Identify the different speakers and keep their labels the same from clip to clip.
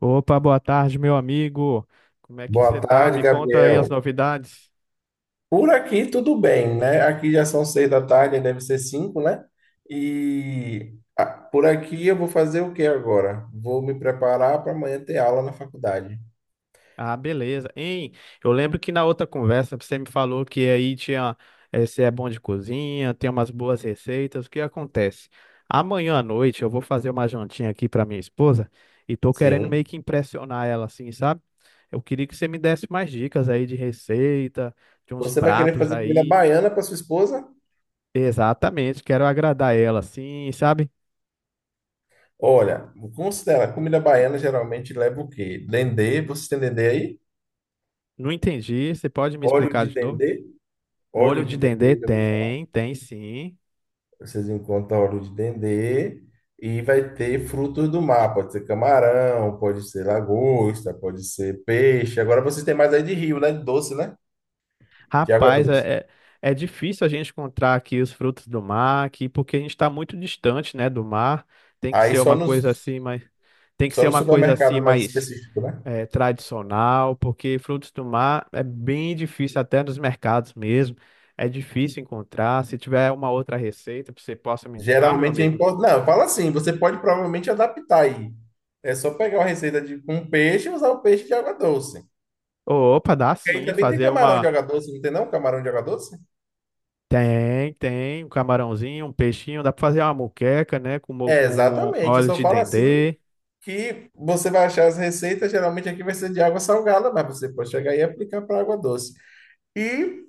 Speaker 1: Opa, boa tarde, meu amigo. Como é que você
Speaker 2: Boa
Speaker 1: tá?
Speaker 2: tarde,
Speaker 1: Me conta aí as
Speaker 2: Gabriel.
Speaker 1: novidades.
Speaker 2: Por aqui tudo bem, né? Aqui já são 6 da tarde, aí deve ser 5, né? E por aqui eu vou fazer o que agora? Vou me preparar para amanhã ter aula na faculdade.
Speaker 1: Ah, beleza. Hein? Eu lembro que na outra conversa você me falou que aí tinha, você é bom de cozinha, tem umas boas receitas. O que acontece? Amanhã à noite eu vou fazer uma jantinha aqui para minha esposa e tô querendo meio
Speaker 2: Sim.
Speaker 1: que impressionar ela assim, sabe? Eu queria que você me desse mais dicas aí de receita, de uns
Speaker 2: Você vai querer
Speaker 1: pratos
Speaker 2: fazer comida
Speaker 1: aí.
Speaker 2: baiana para sua esposa?
Speaker 1: Exatamente, quero agradar ela assim, sabe?
Speaker 2: Olha, considera, comida baiana geralmente leva o quê? Dendê, vocês têm dendê aí?
Speaker 1: Não entendi. Você pode me
Speaker 2: Óleo
Speaker 1: explicar
Speaker 2: de
Speaker 1: de novo?
Speaker 2: dendê?
Speaker 1: Molho
Speaker 2: Óleo
Speaker 1: de
Speaker 2: de
Speaker 1: dendê
Speaker 2: dendê, já ouviu falar?
Speaker 1: tem, tem sim.
Speaker 2: Vocês encontram óleo de dendê e vai ter frutos do mar. Pode ser camarão, pode ser lagosta, pode ser peixe. Agora vocês têm mais aí de rio, né? De doce, né? De água
Speaker 1: Rapaz,
Speaker 2: doce.
Speaker 1: é difícil a gente encontrar aqui os frutos do mar, aqui, porque a gente está muito distante, né, do mar. Tem que
Speaker 2: Aí
Speaker 1: ser
Speaker 2: só
Speaker 1: uma
Speaker 2: nos,
Speaker 1: coisa assim, mas tem que
Speaker 2: só
Speaker 1: ser
Speaker 2: no
Speaker 1: uma coisa assim
Speaker 2: supermercado mais
Speaker 1: mais
Speaker 2: específico, né?
Speaker 1: é, tradicional, porque frutos do mar é bem difícil até nos mercados mesmo. É difícil encontrar. Se tiver uma outra receita que você possa me indicar, meu
Speaker 2: Geralmente é
Speaker 1: amigo.
Speaker 2: importante. Não, fala assim, você pode provavelmente adaptar aí. É só pegar uma receita de com peixe e usar o peixe de água doce.
Speaker 1: Opa, dá
Speaker 2: E aí
Speaker 1: sim,
Speaker 2: também tem
Speaker 1: fazer
Speaker 2: camarão de
Speaker 1: uma.
Speaker 2: água doce, não tem não? Camarão de água doce?
Speaker 1: Tem, tem, um camarãozinho, um peixinho, dá pra fazer uma moqueca, né, com,
Speaker 2: É,
Speaker 1: com
Speaker 2: exatamente. Eu
Speaker 1: óleo
Speaker 2: só
Speaker 1: de
Speaker 2: falo assim
Speaker 1: dendê.
Speaker 2: que você vai achar as receitas, geralmente aqui vai ser de água salgada, mas você pode chegar e aplicar para água doce. E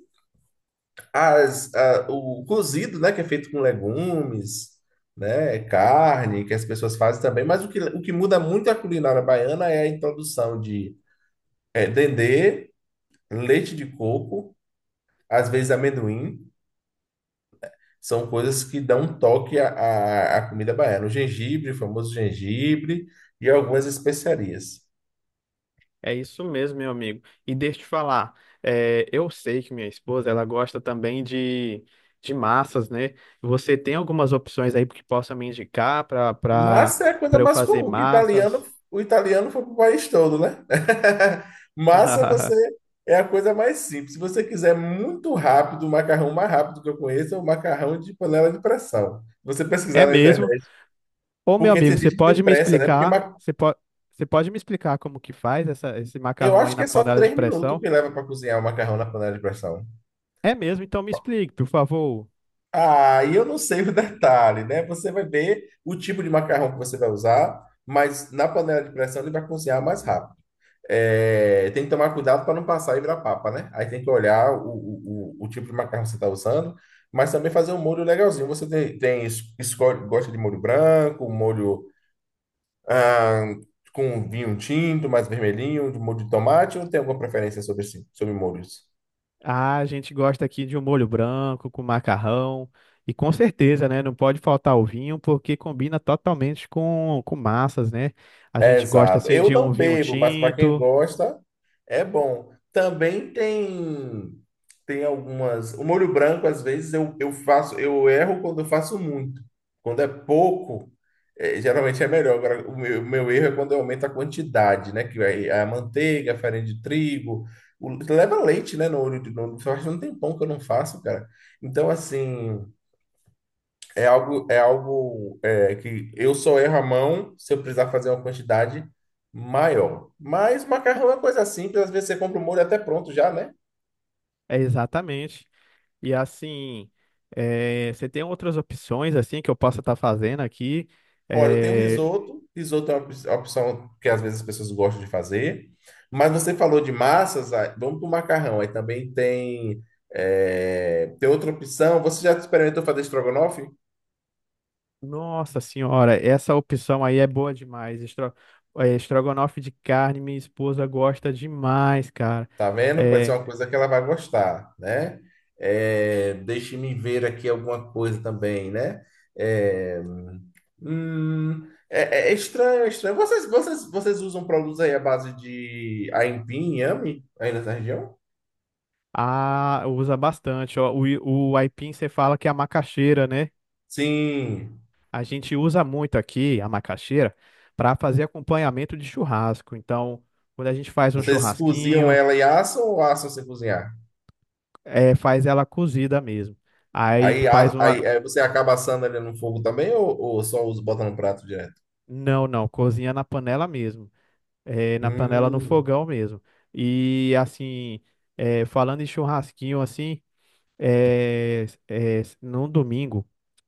Speaker 2: o cozido, né, que é feito com legumes, né, carne, que as pessoas fazem também, mas o que muda muito a culinária baiana é a introdução de dendê, leite de coco, às vezes amendoim. São coisas que dão um toque à comida baiana. O gengibre, o famoso gengibre e algumas especiarias.
Speaker 1: É isso mesmo, meu amigo. E deixa eu te falar, eu sei que minha esposa, ela gosta também de massas, né? Você tem algumas opções aí que possa me indicar
Speaker 2: Massa é a coisa
Speaker 1: para eu
Speaker 2: mais
Speaker 1: fazer
Speaker 2: comum, que italiano,
Speaker 1: massas?
Speaker 2: o italiano foi para o país todo, né? Massa você é a coisa mais simples. Se você quiser muito rápido, o macarrão mais rápido que eu conheço é o macarrão de panela de pressão. Você
Speaker 1: É
Speaker 2: pesquisar na
Speaker 1: mesmo?
Speaker 2: internet,
Speaker 1: Ô, meu
Speaker 2: porque tem
Speaker 1: amigo, você
Speaker 2: gente que
Speaker 1: pode
Speaker 2: tem
Speaker 1: me
Speaker 2: pressa, né?
Speaker 1: explicar? Você pode me explicar como que faz essa, esse
Speaker 2: Eu
Speaker 1: macarrão aí
Speaker 2: acho que
Speaker 1: na
Speaker 2: é só
Speaker 1: panela de
Speaker 2: 3 minutos
Speaker 1: pressão?
Speaker 2: que leva para cozinhar o macarrão na panela de pressão.
Speaker 1: É mesmo? Então me explique, por favor.
Speaker 2: Ah, e eu não sei o detalhe, né? Você vai ver o tipo de macarrão que você vai usar, mas na panela de pressão ele vai cozinhar mais rápido. Tem que tomar cuidado para não passar e virar papa, né? Aí tem que olhar o tipo de macarrão que você está usando, mas também fazer um molho legalzinho. Você escolhe, gosta de molho branco, um molho ah, com vinho tinto, mais vermelhinho, de molho de tomate, ou tem alguma preferência sobre molhos?
Speaker 1: Ah, a gente gosta aqui de um molho branco com macarrão. E com certeza, né? Não pode faltar o vinho, porque combina totalmente com massas, né? A gente gosta,
Speaker 2: Exato.
Speaker 1: assim,
Speaker 2: Eu
Speaker 1: de um
Speaker 2: não
Speaker 1: vinho
Speaker 2: bebo, mas para quem
Speaker 1: tinto.
Speaker 2: gosta, é bom. Também tem algumas. O molho branco, às vezes, eu erro quando eu faço muito. Quando é pouco, geralmente é melhor. Agora, o meu erro é quando eu aumento a quantidade, né? Que vai a manteiga, a farinha de trigo. Leva leite, né? No olho de novo. Eu acho que não tem pão que eu não faço, cara. Então, assim. É algo, que eu só erro a mão se eu precisar fazer uma quantidade maior. Mas macarrão é coisa simples, às vezes você compra o molho até pronto já, né?
Speaker 1: É exatamente. E, assim, você tem outras opções, assim, que eu possa estar fazendo aqui.
Speaker 2: Olha, eu tenho
Speaker 1: Eh,
Speaker 2: risoto, risoto é uma opção que às vezes as pessoas gostam de fazer. Mas você falou de massas, aí vamos para o macarrão. Aí também tem outra opção. Você já experimentou fazer estrogonofe?
Speaker 1: Nossa Senhora, essa opção aí é boa demais. Estrogonofe de carne, minha esposa gosta demais, cara.
Speaker 2: Tá vendo? Pode ser
Speaker 1: É.
Speaker 2: uma coisa que ela vai gostar, né? É, deixe-me ver aqui alguma coisa também, né? É, é estranho, é estranho. Vocês usam produtos aí à base de aipim, inhame, aí nessa região?
Speaker 1: Ah, usa bastante. Ó, o aipim você fala que é a macaxeira, né?
Speaker 2: Sim.
Speaker 1: A gente usa muito aqui a macaxeira para fazer acompanhamento de churrasco. Então, quando a gente faz um
Speaker 2: Vocês Mas, cozinham
Speaker 1: churrasquinho,
Speaker 2: ela e assam ou assam sem cozinhar?
Speaker 1: é, faz ela cozida mesmo. Aí
Speaker 2: Aí,
Speaker 1: faz
Speaker 2: a-
Speaker 1: uma.
Speaker 2: aí, aí você acaba assando ali no fogo também ou só usa, bota no prato direto?
Speaker 1: Não, não, cozinha na panela mesmo. É, na panela no
Speaker 2: Hum.
Speaker 1: fogão mesmo. E assim, falando em churrasquinho assim. Num domingo,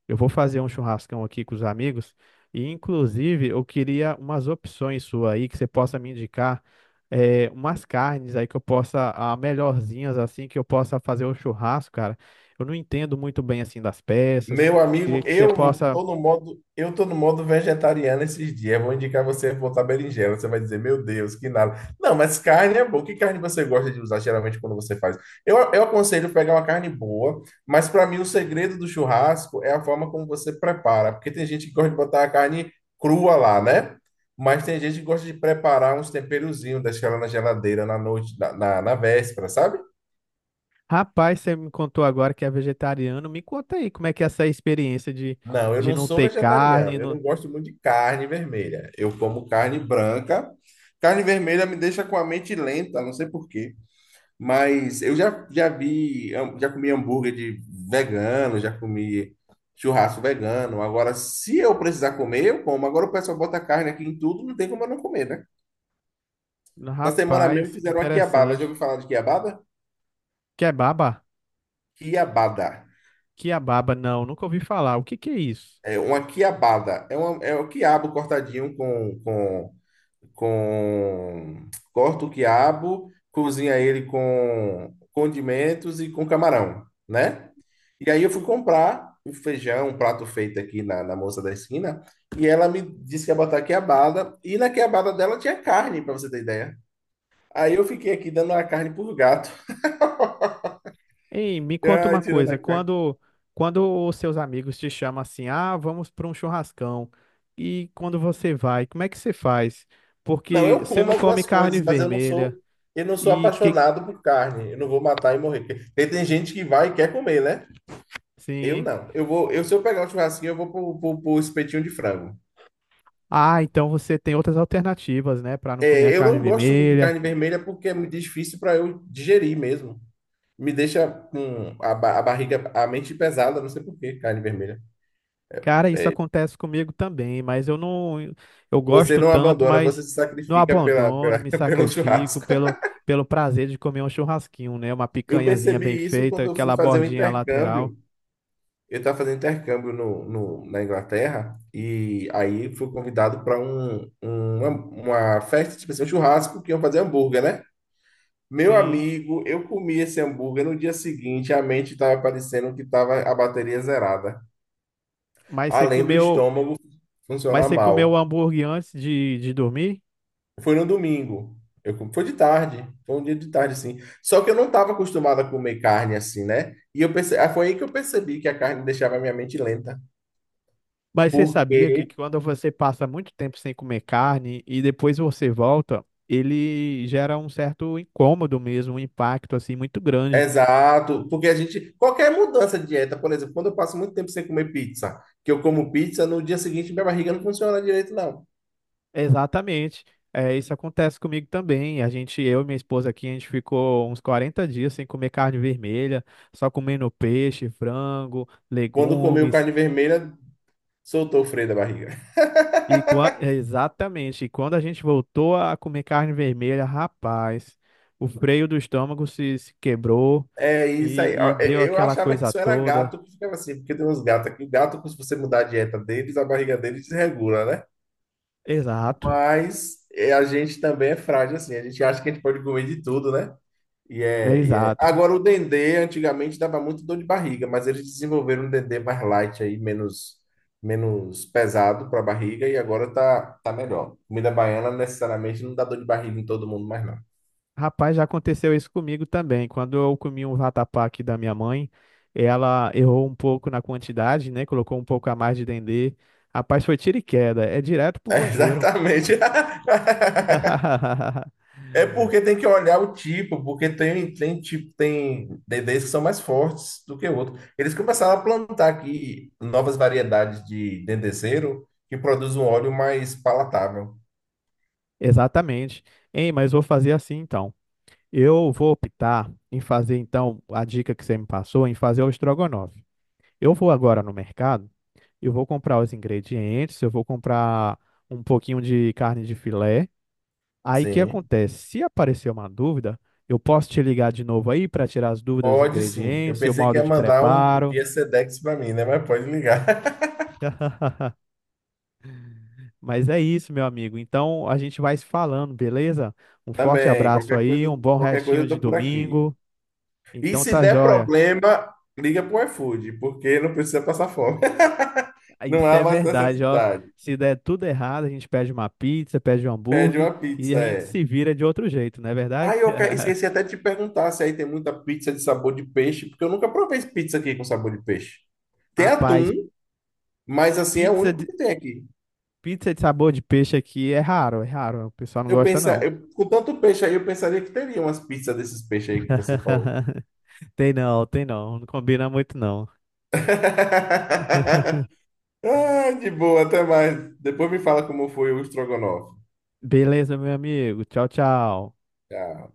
Speaker 1: eu vou fazer um churrascão aqui com os amigos e, inclusive, eu queria umas opções sua aí que você possa me indicar, umas carnes aí que eu possa, a melhorzinhas assim que eu possa fazer o churrasco, cara. Eu não entendo muito bem assim das peças.
Speaker 2: Meu amigo,
Speaker 1: Queria que você
Speaker 2: eu
Speaker 1: possa.
Speaker 2: tô no modo, eu tô no modo vegetariano esses dias. Eu vou indicar você botar berinjela. Você vai dizer, meu Deus, que nada. Não, mas carne é boa. Que carne você gosta de usar geralmente quando você faz? Eu aconselho pegar uma carne boa, mas para mim o segredo do churrasco é a forma como você prepara, porque tem gente que gosta de botar a carne crua lá, né? Mas tem gente que gosta de preparar uns temperozinhos, deixar ela na geladeira na noite, na véspera, sabe?
Speaker 1: Rapaz, você me contou agora que é vegetariano. Me conta aí como é que é essa experiência
Speaker 2: Não, eu
Speaker 1: de
Speaker 2: não
Speaker 1: não
Speaker 2: sou
Speaker 1: ter carne.
Speaker 2: vegetariano. Eu não gosto muito de carne vermelha. Eu como carne branca. Carne vermelha me deixa com a mente lenta, não sei por quê. Mas eu já vi, já comi hambúrguer de vegano, já comi churrasco vegano. Agora, se eu precisar comer, eu como. Agora o pessoal bota carne aqui em tudo, não tem como eu não comer, né? Na semana mesmo
Speaker 1: Rapaz, que
Speaker 2: fizeram uma quiabada. Já ouviu
Speaker 1: interessante.
Speaker 2: falar de quiabada?
Speaker 1: Kebab?
Speaker 2: Quiabada.
Speaker 1: Quiababa, não, nunca ouvi falar. O que que é isso?
Speaker 2: É uma quiabada. É o quiabo cortadinho com corta o quiabo, cozinha ele com condimentos e com camarão, né? E aí eu fui comprar o feijão, um prato feito aqui na, moça da esquina, e ela me disse que ia botar quiabada, e na quiabada dela tinha carne, para você ter ideia. Aí eu fiquei aqui dando a carne por gato,
Speaker 1: Ei, me conta
Speaker 2: Ai,
Speaker 1: uma
Speaker 2: tirando
Speaker 1: coisa,
Speaker 2: a carne.
Speaker 1: quando os seus amigos te chamam assim, ah, vamos para um churrascão, e quando você vai, como é que você faz?
Speaker 2: Não,
Speaker 1: Porque
Speaker 2: eu
Speaker 1: você
Speaker 2: como
Speaker 1: não come
Speaker 2: algumas
Speaker 1: carne
Speaker 2: coisas, mas eu não sou
Speaker 1: vermelha
Speaker 2: eu não sou
Speaker 1: e que
Speaker 2: apaixonado por carne. Eu não vou matar e morrer. Porque tem gente que vai e quer comer, né? Eu
Speaker 1: sim.
Speaker 2: não. Se eu pegar o churrasquinho, eu vou pro, pro espetinho de frango.
Speaker 1: Ah, então você tem outras alternativas, né, para não comer a
Speaker 2: É, eu
Speaker 1: carne
Speaker 2: não gosto muito de
Speaker 1: vermelha.
Speaker 2: carne vermelha porque é muito difícil para eu digerir mesmo. Me deixa com a barriga, a mente pesada, não sei por que carne vermelha.
Speaker 1: Cara, isso acontece comigo também, mas eu não, eu
Speaker 2: Você
Speaker 1: gosto
Speaker 2: não
Speaker 1: tanto,
Speaker 2: abandona, você
Speaker 1: mas
Speaker 2: se
Speaker 1: não
Speaker 2: sacrifica
Speaker 1: abandono, me
Speaker 2: pelo
Speaker 1: sacrifico
Speaker 2: churrasco.
Speaker 1: pelo, pelo prazer de comer um churrasquinho, né? Uma
Speaker 2: Eu
Speaker 1: picanhazinha bem
Speaker 2: percebi isso
Speaker 1: feita,
Speaker 2: quando eu fui
Speaker 1: aquela
Speaker 2: fazer um
Speaker 1: bordinha lateral.
Speaker 2: intercâmbio. Eu estava fazendo intercâmbio na Inglaterra e aí fui convidado para uma festa, tipo assim, um churrasco que iam fazer hambúrguer, né? Meu
Speaker 1: Sim.
Speaker 2: amigo, eu comi esse hambúrguer no dia seguinte, a mente estava parecendo que estava a bateria zerada,
Speaker 1: Mas você
Speaker 2: além do
Speaker 1: comeu,
Speaker 2: estômago
Speaker 1: mas
Speaker 2: funcionar
Speaker 1: você comeu o
Speaker 2: mal.
Speaker 1: hambúrguer antes de dormir?
Speaker 2: Foi no domingo. Foi de tarde, foi um dia de tarde, sim. Só que eu não estava acostumado a comer carne assim, né? E foi aí que eu percebi que a carne deixava a minha mente lenta.
Speaker 1: Mas você sabia que
Speaker 2: Porque,
Speaker 1: quando você passa muito tempo sem comer carne e depois você volta, ele gera um certo incômodo mesmo, um impacto assim muito grande.
Speaker 2: exato, porque a gente, qualquer mudança de dieta, por exemplo, quando eu passo muito tempo sem comer pizza, que eu como pizza, no dia seguinte minha barriga não funciona direito, não.
Speaker 1: Exatamente. É, isso acontece comigo também. A gente, eu e minha esposa aqui, a gente ficou uns 40 dias sem comer carne vermelha, só comendo peixe, frango,
Speaker 2: Quando comeu
Speaker 1: legumes.
Speaker 2: carne vermelha, soltou o freio da barriga.
Speaker 1: Exatamente. E quando a gente voltou a comer carne vermelha, rapaz, o freio do estômago se, se quebrou
Speaker 2: É isso aí.
Speaker 1: e
Speaker 2: Ó,
Speaker 1: deu
Speaker 2: eu
Speaker 1: aquela
Speaker 2: achava que
Speaker 1: coisa
Speaker 2: isso era
Speaker 1: toda.
Speaker 2: gato que ficava assim, porque tem uns gatos que gato, se você mudar a dieta deles, a barriga deles desregula, né?
Speaker 1: Exato,
Speaker 2: Mas é, a gente também é frágil assim. A gente acha que a gente pode comer de tudo, né? E
Speaker 1: é
Speaker 2: é, e é.
Speaker 1: exato.
Speaker 2: Agora, o dendê antigamente dava muito dor de barriga, mas eles desenvolveram um dendê mais light aí, menos pesado para a barriga, e agora tá melhor. Comida baiana necessariamente não dá dor de barriga em todo mundo mais, não.
Speaker 1: Rapaz, já aconteceu isso comigo também. Quando eu comi um vatapá aqui da minha mãe, ela errou um pouco na quantidade, né? Colocou um pouco a mais de dendê. Rapaz, foi tiro e queda. É direto pro banheiro.
Speaker 2: Exatamente. É porque tem que olhar o tipo, porque tem tipo, tem DDs que são mais fortes do que outros. Eles começaram a plantar aqui novas variedades de dendezeiro que produz um óleo mais palatável.
Speaker 1: Exatamente. Hein, mas vou fazer assim então. Eu vou optar em fazer então a dica que você me passou, em fazer o estrogonofe. Eu vou agora no mercado, eu vou comprar os ingredientes, eu vou comprar um pouquinho de carne de filé. Aí o que
Speaker 2: Sim,
Speaker 1: acontece? Se aparecer uma dúvida, eu posso te ligar de novo aí para tirar as dúvidas dos
Speaker 2: pode sim. Eu
Speaker 1: ingredientes e o
Speaker 2: pensei que
Speaker 1: modo
Speaker 2: ia
Speaker 1: de
Speaker 2: mandar um
Speaker 1: preparo.
Speaker 2: Via Sedex para mim, né? Mas pode ligar.
Speaker 1: Mas é isso, meu amigo. Então a gente vai se falando, beleza? Um forte
Speaker 2: Também,
Speaker 1: abraço aí, um bom
Speaker 2: qualquer coisa
Speaker 1: restinho
Speaker 2: eu
Speaker 1: de
Speaker 2: tô por aqui.
Speaker 1: domingo.
Speaker 2: E
Speaker 1: Então
Speaker 2: se
Speaker 1: tá
Speaker 2: der
Speaker 1: joia.
Speaker 2: problema, liga pro iFood, porque não precisa passar fome.
Speaker 1: Ah,
Speaker 2: Não
Speaker 1: isso
Speaker 2: há
Speaker 1: é
Speaker 2: mais
Speaker 1: verdade, ó.
Speaker 2: necessidade.
Speaker 1: Se der tudo errado, a gente pede uma pizza, pede um
Speaker 2: Pede
Speaker 1: hambúrguer
Speaker 2: uma
Speaker 1: e a
Speaker 2: pizza,
Speaker 1: gente
Speaker 2: é.
Speaker 1: se vira de outro jeito, não é verdade?
Speaker 2: Aí eu esqueci até de te perguntar se aí tem muita pizza de sabor de peixe, porque eu nunca provei pizza aqui com sabor de peixe. Tem
Speaker 1: Rapaz,
Speaker 2: atum, mas assim é o
Speaker 1: pizza
Speaker 2: único
Speaker 1: de,
Speaker 2: que tem aqui.
Speaker 1: pizza de sabor de peixe aqui é raro, é raro. O pessoal não
Speaker 2: Eu
Speaker 1: gosta,
Speaker 2: pensei,
Speaker 1: não.
Speaker 2: com tanto peixe aí, eu pensaria que teria umas pizzas desses peixes aí que você falou.
Speaker 1: Tem não, tem não. Não combina muito não.
Speaker 2: Ah, de boa, até mais. Depois me fala como foi o estrogonofe.
Speaker 1: Beleza, meu amigo. Tchau, tchau.
Speaker 2: Tchau.